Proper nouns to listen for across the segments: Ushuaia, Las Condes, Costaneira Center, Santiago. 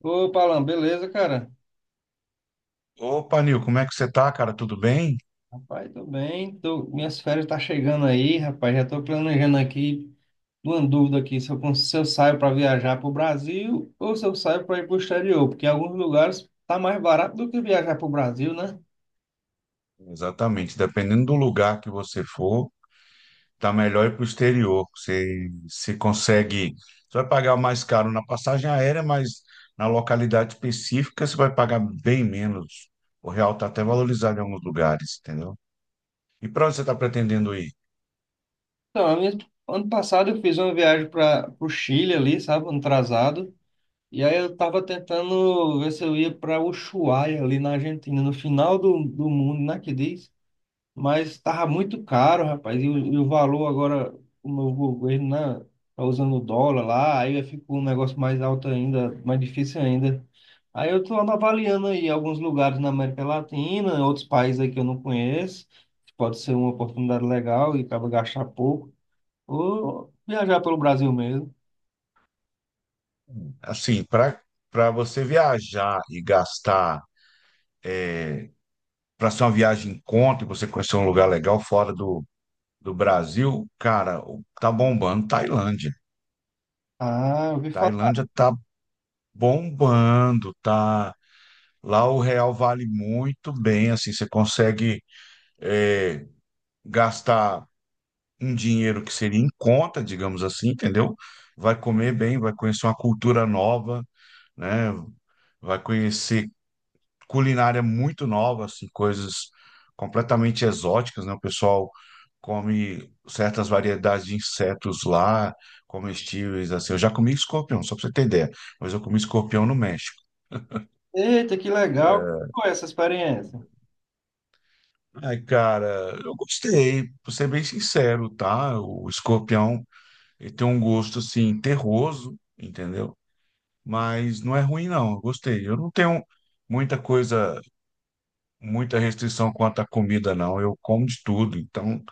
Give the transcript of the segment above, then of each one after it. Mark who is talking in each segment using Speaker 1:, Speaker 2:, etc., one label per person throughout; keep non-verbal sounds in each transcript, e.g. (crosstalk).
Speaker 1: Opa, Alan, beleza, cara?
Speaker 2: Opa, Nil, como é que você tá, cara? Tudo bem?
Speaker 1: Rapaz, tô bem. Minhas férias tá chegando aí, rapaz. Já tô planejando aqui, uma dúvida aqui, se eu saio para viajar pro Brasil ou se eu saio para ir pro exterior, porque em alguns lugares tá mais barato do que viajar pro Brasil, né?
Speaker 2: Exatamente. Dependendo do lugar que você for, tá melhor ir para o exterior. Você se consegue. Você vai pagar mais caro na passagem aérea, mas na localidade específica você vai pagar bem menos. O real tá até valorizado em alguns lugares, entendeu? E para onde você está pretendendo ir?
Speaker 1: Então, ano passado eu fiz uma viagem para pro Chile ali, sabe, ano atrasado. E aí eu tava tentando ver se eu ia para Ushuaia ali na Argentina, no final do mundo, né, que diz? Mas tava muito caro, rapaz. E o valor agora, o novo governo, né? Tá usando o dólar lá, aí fica um negócio mais alto ainda, mais difícil ainda. Aí eu tô avaliando aí alguns lugares na América Latina, outros países aí que eu não conheço, que pode ser uma oportunidade legal e acaba gastar pouco. Ou viajar pelo Brasil mesmo.
Speaker 2: Assim, para você viajar e gastar, para ser uma viagem em conta e você conhecer um lugar legal fora do Brasil, cara, tá bombando Tailândia.
Speaker 1: Ah, eu ouvi falar.
Speaker 2: Tailândia tá bombando, tá. Lá o real vale muito bem, assim, você consegue é, gastar um dinheiro que seria em conta, digamos assim, entendeu? Vai comer bem, vai conhecer uma cultura nova, né? Vai conhecer culinária muito nova, assim, coisas completamente exóticas, né? O pessoal come certas variedades de insetos lá, comestíveis, assim. Eu já comi escorpião, só para você ter ideia, mas eu comi escorpião no México.
Speaker 1: Eita, que legal. Qual é essa experiência?
Speaker 2: Ai, cara, eu gostei, pra ser bem sincero, tá? O Escorpião, ele tem um gosto, assim, terroso, entendeu? Mas não é ruim, não, eu gostei. Eu não tenho muita coisa, muita restrição quanto à comida, não. Eu como de tudo, então,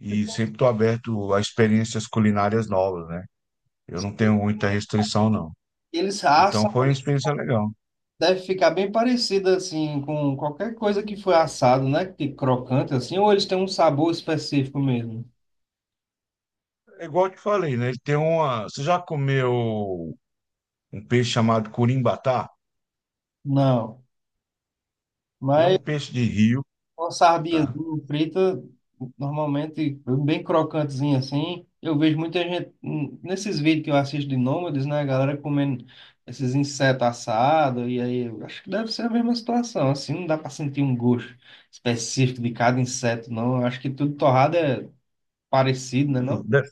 Speaker 2: e sempre estou aberto a experiências culinárias novas, né? Eu não tenho muita restrição, não.
Speaker 1: Eles
Speaker 2: Então,
Speaker 1: assam.
Speaker 2: foi uma experiência legal.
Speaker 1: Deve ficar bem parecido assim com qualquer coisa que foi assado, né? Que crocante assim, ou eles têm um sabor específico mesmo?
Speaker 2: É igual eu te falei, né? Você já comeu um peixe chamado curimbatá?
Speaker 1: Não.
Speaker 2: É um
Speaker 1: Mas
Speaker 2: peixe de rio,
Speaker 1: uma
Speaker 2: tá?
Speaker 1: sardinhazinha frita, normalmente bem crocantezinha assim, eu vejo muita gente nesses vídeos que eu assisto de nômades, né? A galera comendo esses insetos assados, e aí eu acho que deve ser a mesma situação, assim, não dá para sentir um gosto específico de cada inseto, não. Eu acho que tudo torrado é parecido, né, não?
Speaker 2: De-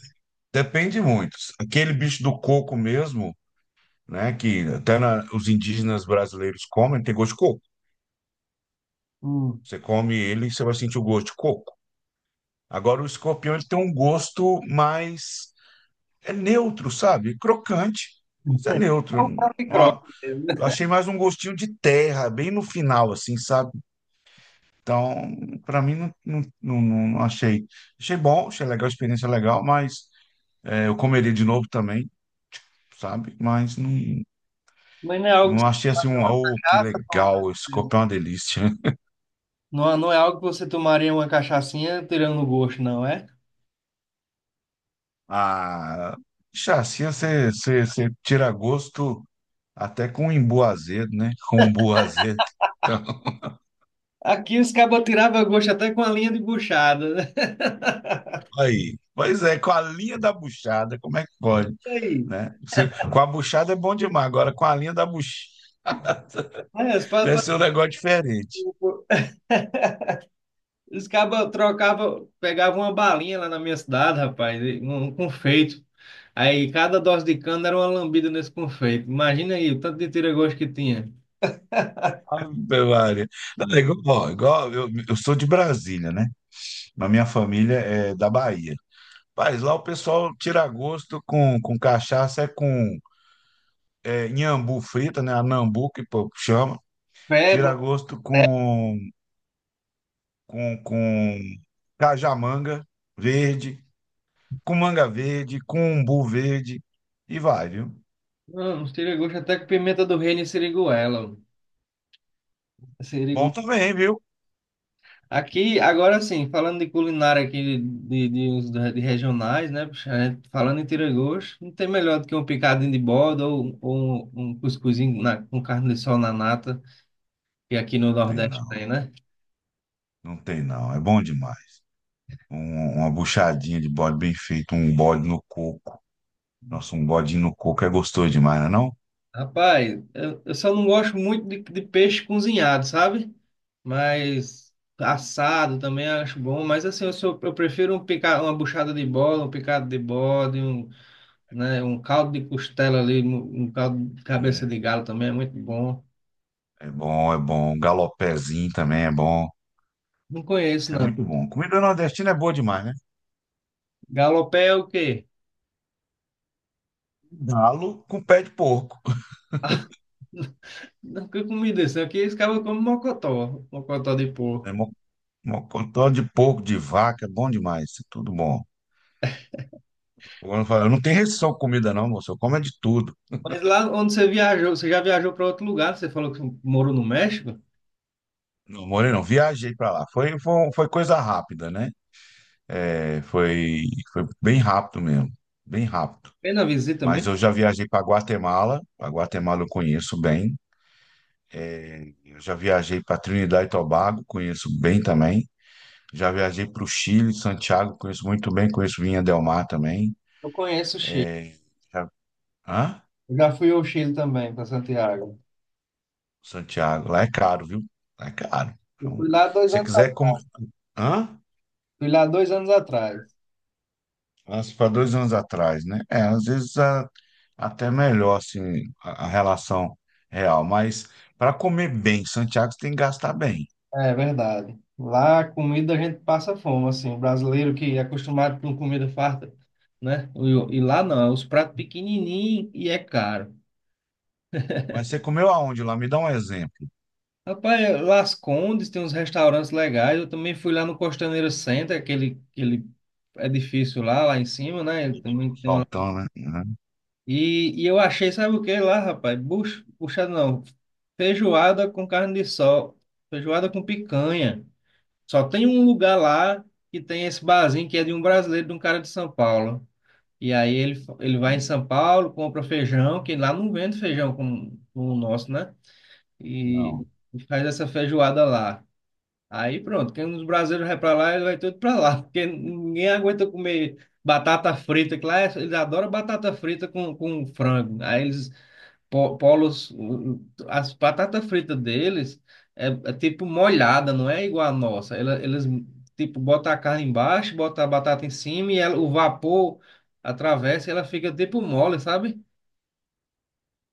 Speaker 2: Depende muito. Aquele bicho do coco mesmo, né? Que até os indígenas brasileiros comem, tem gosto de coco.
Speaker 1: Hum.
Speaker 2: Você come ele, você vai sentir o gosto de coco. Agora, o escorpião, ele tem um gosto mais, é neutro, sabe? Crocante, mas é
Speaker 1: É
Speaker 2: neutro.
Speaker 1: um próprio
Speaker 2: Ó,
Speaker 1: croque mesmo, né?
Speaker 2: eu achei mais um gostinho de terra, bem no final, assim, sabe? Então, para mim, não, não, não, não achei. Achei bom, achei legal, a experiência é legal, mas eu comeria de novo também, sabe? Mas não.
Speaker 1: Mas não é algo que
Speaker 2: Não
Speaker 1: você
Speaker 2: achei assim
Speaker 1: tomaria
Speaker 2: um,
Speaker 1: uma
Speaker 2: oh, que
Speaker 1: cachaça,
Speaker 2: legal, esse copo é uma delícia. (laughs)
Speaker 1: não é algo que você tomaria uma cachaçinha tirando o gosto, não é?
Speaker 2: Ah, chassi, você tira gosto até com imbu azedo, né? (laughs) Com umbu azedo. Então,
Speaker 1: Aqui os cabas tiravam gosto até com a linha de buchada, né?
Speaker 2: aí. Pois é, com a linha da buchada, como é que pode,
Speaker 1: E aí?
Speaker 2: né? Com a buchada é bom demais, agora com a linha da buchada
Speaker 1: É,
Speaker 2: deve ser um negócio diferente.
Speaker 1: os cabas trocavam, pegavam uma balinha lá na minha cidade, rapaz, e um confeito. Aí cada dose de cana era uma lambida nesse confeito. Imagina aí o tanto de tira-gosto que tinha.
Speaker 2: Ave Maria. Não, é igual, ó, igual eu sou de Brasília, né? Mas minha família é da Bahia. Rapaz, lá o pessoal tira gosto com cachaça, é com nhambu frita, né? A nambu que o povo chama.
Speaker 1: Peba,
Speaker 2: Tira gosto com cajamanga verde, com manga verde, com umbu verde. E vai, viu?
Speaker 1: não, uns tira-gosto até com pimenta do reino e siriguela.
Speaker 2: Bom também, viu?
Speaker 1: Aqui, agora sim, falando de culinária aqui, de regionais, né? Puxa, a gente falando em tira-gosto, não tem melhor do que um picadinho de borda ou um cuscuzinho com carne de sol na nata, que aqui no
Speaker 2: Não tem
Speaker 1: Nordeste
Speaker 2: não,
Speaker 1: tem, né?
Speaker 2: não tem não. É bom demais. Uma buchadinha de bode bem feito, um bode no coco. Nossa, um bodinho no coco é gostoso demais, não é não?
Speaker 1: Rapaz, eu só não gosto muito de peixe cozinhado, sabe? Mas assado também acho bom, mas assim, eu prefiro uma buchada de bola, um picado de bode, né, um caldo de costela ali, um caldo de cabeça
Speaker 2: Hum,
Speaker 1: de galo também é muito bom.
Speaker 2: é bom, é bom. Um galopézinho também é bom.
Speaker 1: Não conheço,
Speaker 2: Isso é
Speaker 1: não.
Speaker 2: muito bom. Comida nordestina é boa demais, né?
Speaker 1: Galopé é o quê?
Speaker 2: Galo com pé de porco.
Speaker 1: Não, que comida isso? Aqui eles acabam como mocotó, mocotó de
Speaker 2: Né?
Speaker 1: porco.
Speaker 2: Mocotó de porco, de vaca, é bom demais. Isso é tudo bom. Eu não tenho restrição com comida, não, moço. Eu como é de tudo.
Speaker 1: Mas lá onde você viajou, você já viajou para outro lugar? Você falou que morou no México?
Speaker 2: Não, Moreno, viajei pra lá. Foi coisa rápida, né? É, foi bem rápido mesmo. Bem rápido.
Speaker 1: Fez na visita
Speaker 2: Mas
Speaker 1: mesmo?
Speaker 2: eu já viajei para Guatemala. A Guatemala eu conheço bem. É, eu já viajei para Trinidad e Tobago, conheço bem também. Já viajei para o Chile, Santiago, conheço muito bem, conheço Vinha Del Mar também.
Speaker 1: Eu conheço o Chile.
Speaker 2: Já- Hã?
Speaker 1: Eu já fui ao Chile também, para Santiago.
Speaker 2: Santiago, lá é caro, viu? Lá é caro.
Speaker 1: Eu
Speaker 2: Então,
Speaker 1: fui lá dois
Speaker 2: se você
Speaker 1: anos,
Speaker 2: quiser comer. Hã?
Speaker 1: fui lá 2 anos atrás.
Speaker 2: Para dois anos atrás, né? É, às vezes até melhor, assim, a relação real. Mas para comer bem, em Santiago, você tem que gastar bem.
Speaker 1: É verdade. Lá a comida a gente passa fome, assim. O brasileiro que é acostumado com comida farta, né? E lá não, é os pratos pequenininhos e é caro.
Speaker 2: Mas você comeu aonde lá? Me dá um exemplo.
Speaker 1: Rapaz, Las Condes tem uns restaurantes legais. Eu também fui lá no Costaneira Center, aquele edifício lá, lá em cima, né? Ele
Speaker 2: Eu tô
Speaker 1: também tem uma.
Speaker 2: saltando, né? Uhum.
Speaker 1: E eu achei, sabe o que lá, rapaz? Buchada não. Feijoada com carne de sol. Feijoada com picanha. Só tem um lugar lá que tem esse barzinho que é de um brasileiro, de um cara de São Paulo. E aí ele vai em São Paulo, compra feijão, que lá não vende feijão como o nosso, né? E
Speaker 2: Não.
Speaker 1: faz essa feijoada lá. Aí pronto, quem os brasileiros vai para lá, ele vai tudo para lá, porque ninguém aguenta comer batata frita, que lá eles adoram batata frita com frango. Aí eles polos, as batatas fritas deles é tipo molhada, não é igual a nossa. Eles, tipo botam a carne embaixo, botam a batata em cima e o vapor atravessa e ela fica tipo mole, sabe?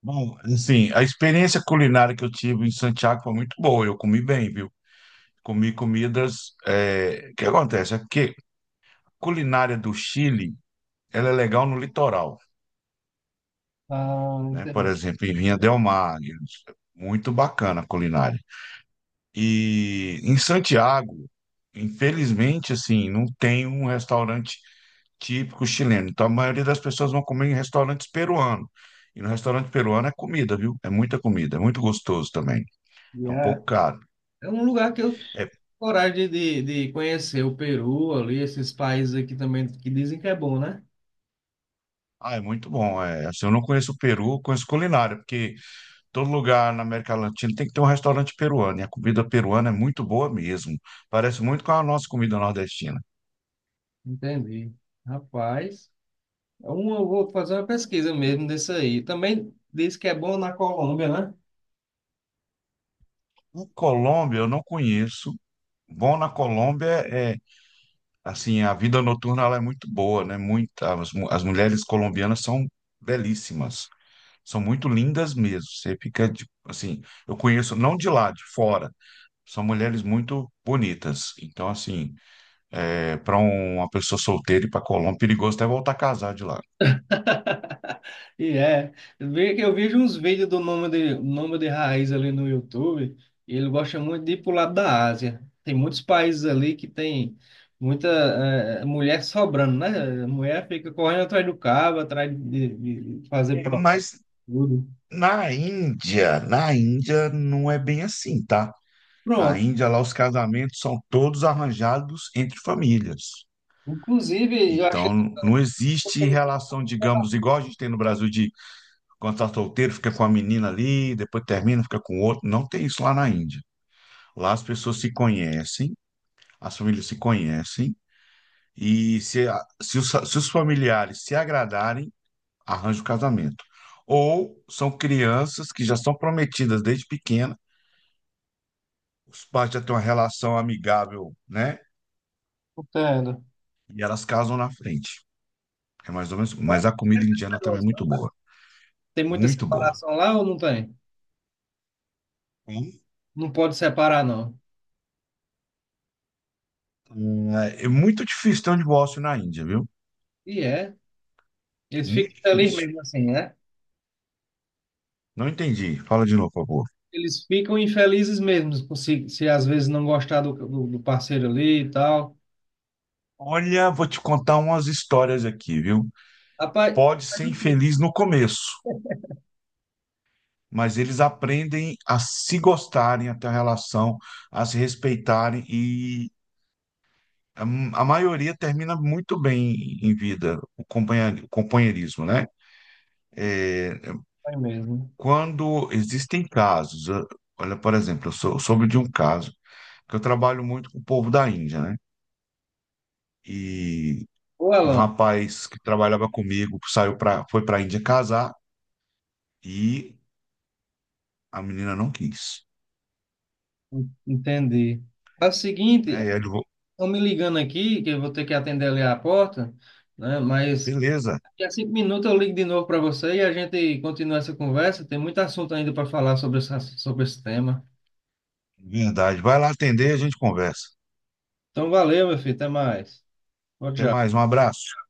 Speaker 2: Bom, assim, a experiência culinária que eu tive em Santiago foi muito boa. Eu comi bem, viu? Comi comidas. O que acontece? É que culinária do Chile, ela é legal no litoral,
Speaker 1: Ah,
Speaker 2: né? Por
Speaker 1: entendi.
Speaker 2: exemplo, em Vinha del Mar, muito bacana a culinária. E em Santiago, infelizmente, assim, não tem um restaurante típico chileno. Então, a maioria das pessoas vão comer em restaurantes peruanos. E no restaurante peruano é comida, viu? É muita comida, é muito gostoso também. É um
Speaker 1: Yeah.
Speaker 2: pouco caro.
Speaker 1: É um lugar que eu
Speaker 2: É,
Speaker 1: coragem de conhecer o Peru ali, esses países aqui também que dizem que é bom, né?
Speaker 2: ah, é muito bom. É, assim, eu não conheço o Peru, eu conheço culinária, porque todo lugar na América Latina tem que ter um restaurante peruano, e a comida peruana é muito boa mesmo. Parece muito com a nossa comida nordestina.
Speaker 1: Entendi. Rapaz, eu vou fazer uma pesquisa mesmo desse aí. Também diz que é bom na Colômbia, né?
Speaker 2: O Colômbia eu não conheço. Bom na Colômbia é, assim, a vida noturna ela é muito boa, né? As mulheres colombianas são belíssimas, são muito lindas mesmo. Você fica, assim, eu conheço não de lá, de fora. São mulheres muito bonitas. Então, assim, para uma pessoa solteira ir para Colômbia, é perigoso até voltar a casar de lá.
Speaker 1: E é. Vê que eu vejo uns vídeos do nome de raiz ali no YouTube, e ele gosta muito de ir pro lado da Ásia. Tem muitos países ali que tem muita mulher sobrando, né? A mulher fica correndo atrás do cabo, atrás de fazer
Speaker 2: É,
Speaker 1: programa,
Speaker 2: mas
Speaker 1: tudo.
Speaker 2: na Índia não é bem assim, tá? A
Speaker 1: Pronto.
Speaker 2: Índia lá os casamentos são todos arranjados entre famílias.
Speaker 1: Inclusive, eu achei que
Speaker 2: Então
Speaker 1: você
Speaker 2: não existe
Speaker 1: estava
Speaker 2: relação, digamos, igual a gente tem no Brasil de quando tá solteiro fica com a menina ali, depois termina, fica com outro. Não tem isso lá na Índia. Lá as pessoas se conhecem, as famílias se conhecem e se os familiares se agradarem, arranja o casamento. Ou são crianças que já são prometidas desde pequena, os pais já têm uma relação amigável, né?
Speaker 1: contando.
Speaker 2: E elas casam na frente. É mais ou menos. Mas a comida
Speaker 1: Mas esse
Speaker 2: indiana também é
Speaker 1: negócio,
Speaker 2: muito
Speaker 1: né?
Speaker 2: boa.
Speaker 1: Tem muita
Speaker 2: Muito boa.
Speaker 1: separação lá ou não tem?
Speaker 2: Hum,
Speaker 1: Não pode separar, não.
Speaker 2: É muito difícil ter um divórcio na Índia, viu?
Speaker 1: E é. Eles
Speaker 2: Muito
Speaker 1: ficam felizes
Speaker 2: difícil.
Speaker 1: mesmo assim, né?
Speaker 2: Não entendi. Fala de novo, por favor.
Speaker 1: Eles ficam infelizes mesmo por se às vezes não gostar do parceiro ali e tal.
Speaker 2: Olha, vou te contar umas histórias aqui, viu?
Speaker 1: Rapaz,
Speaker 2: Pode
Speaker 1: faz
Speaker 2: ser
Speaker 1: um tempo
Speaker 2: infeliz no começo, mas eles aprendem a se gostarem, a ter uma relação, a se respeitarem e a maioria termina muito bem em vida, o companheirismo, né?
Speaker 1: aí mesmo.
Speaker 2: Quando existem casos, olha, por exemplo, eu soube de um caso que eu trabalho muito com o povo da Índia, né? E
Speaker 1: Ô,
Speaker 2: um
Speaker 1: Alan,
Speaker 2: rapaz que trabalhava comigo foi para a Índia casar e a menina não quis,
Speaker 1: entendi. Faz o seguinte,
Speaker 2: né? E aí ele falou,
Speaker 1: estão me ligando aqui, que eu vou ter que atender ali a porta, né? Mas
Speaker 2: beleza,
Speaker 1: daqui a 5 minutos eu ligo de novo para você e a gente continua essa conversa. Tem muito assunto ainda para falar sobre essa, sobre esse tema.
Speaker 2: verdade, vai lá atender, e a gente conversa.
Speaker 1: Então, valeu, meu filho. Até mais. Tchau,
Speaker 2: Até
Speaker 1: tchau.
Speaker 2: mais, um abraço.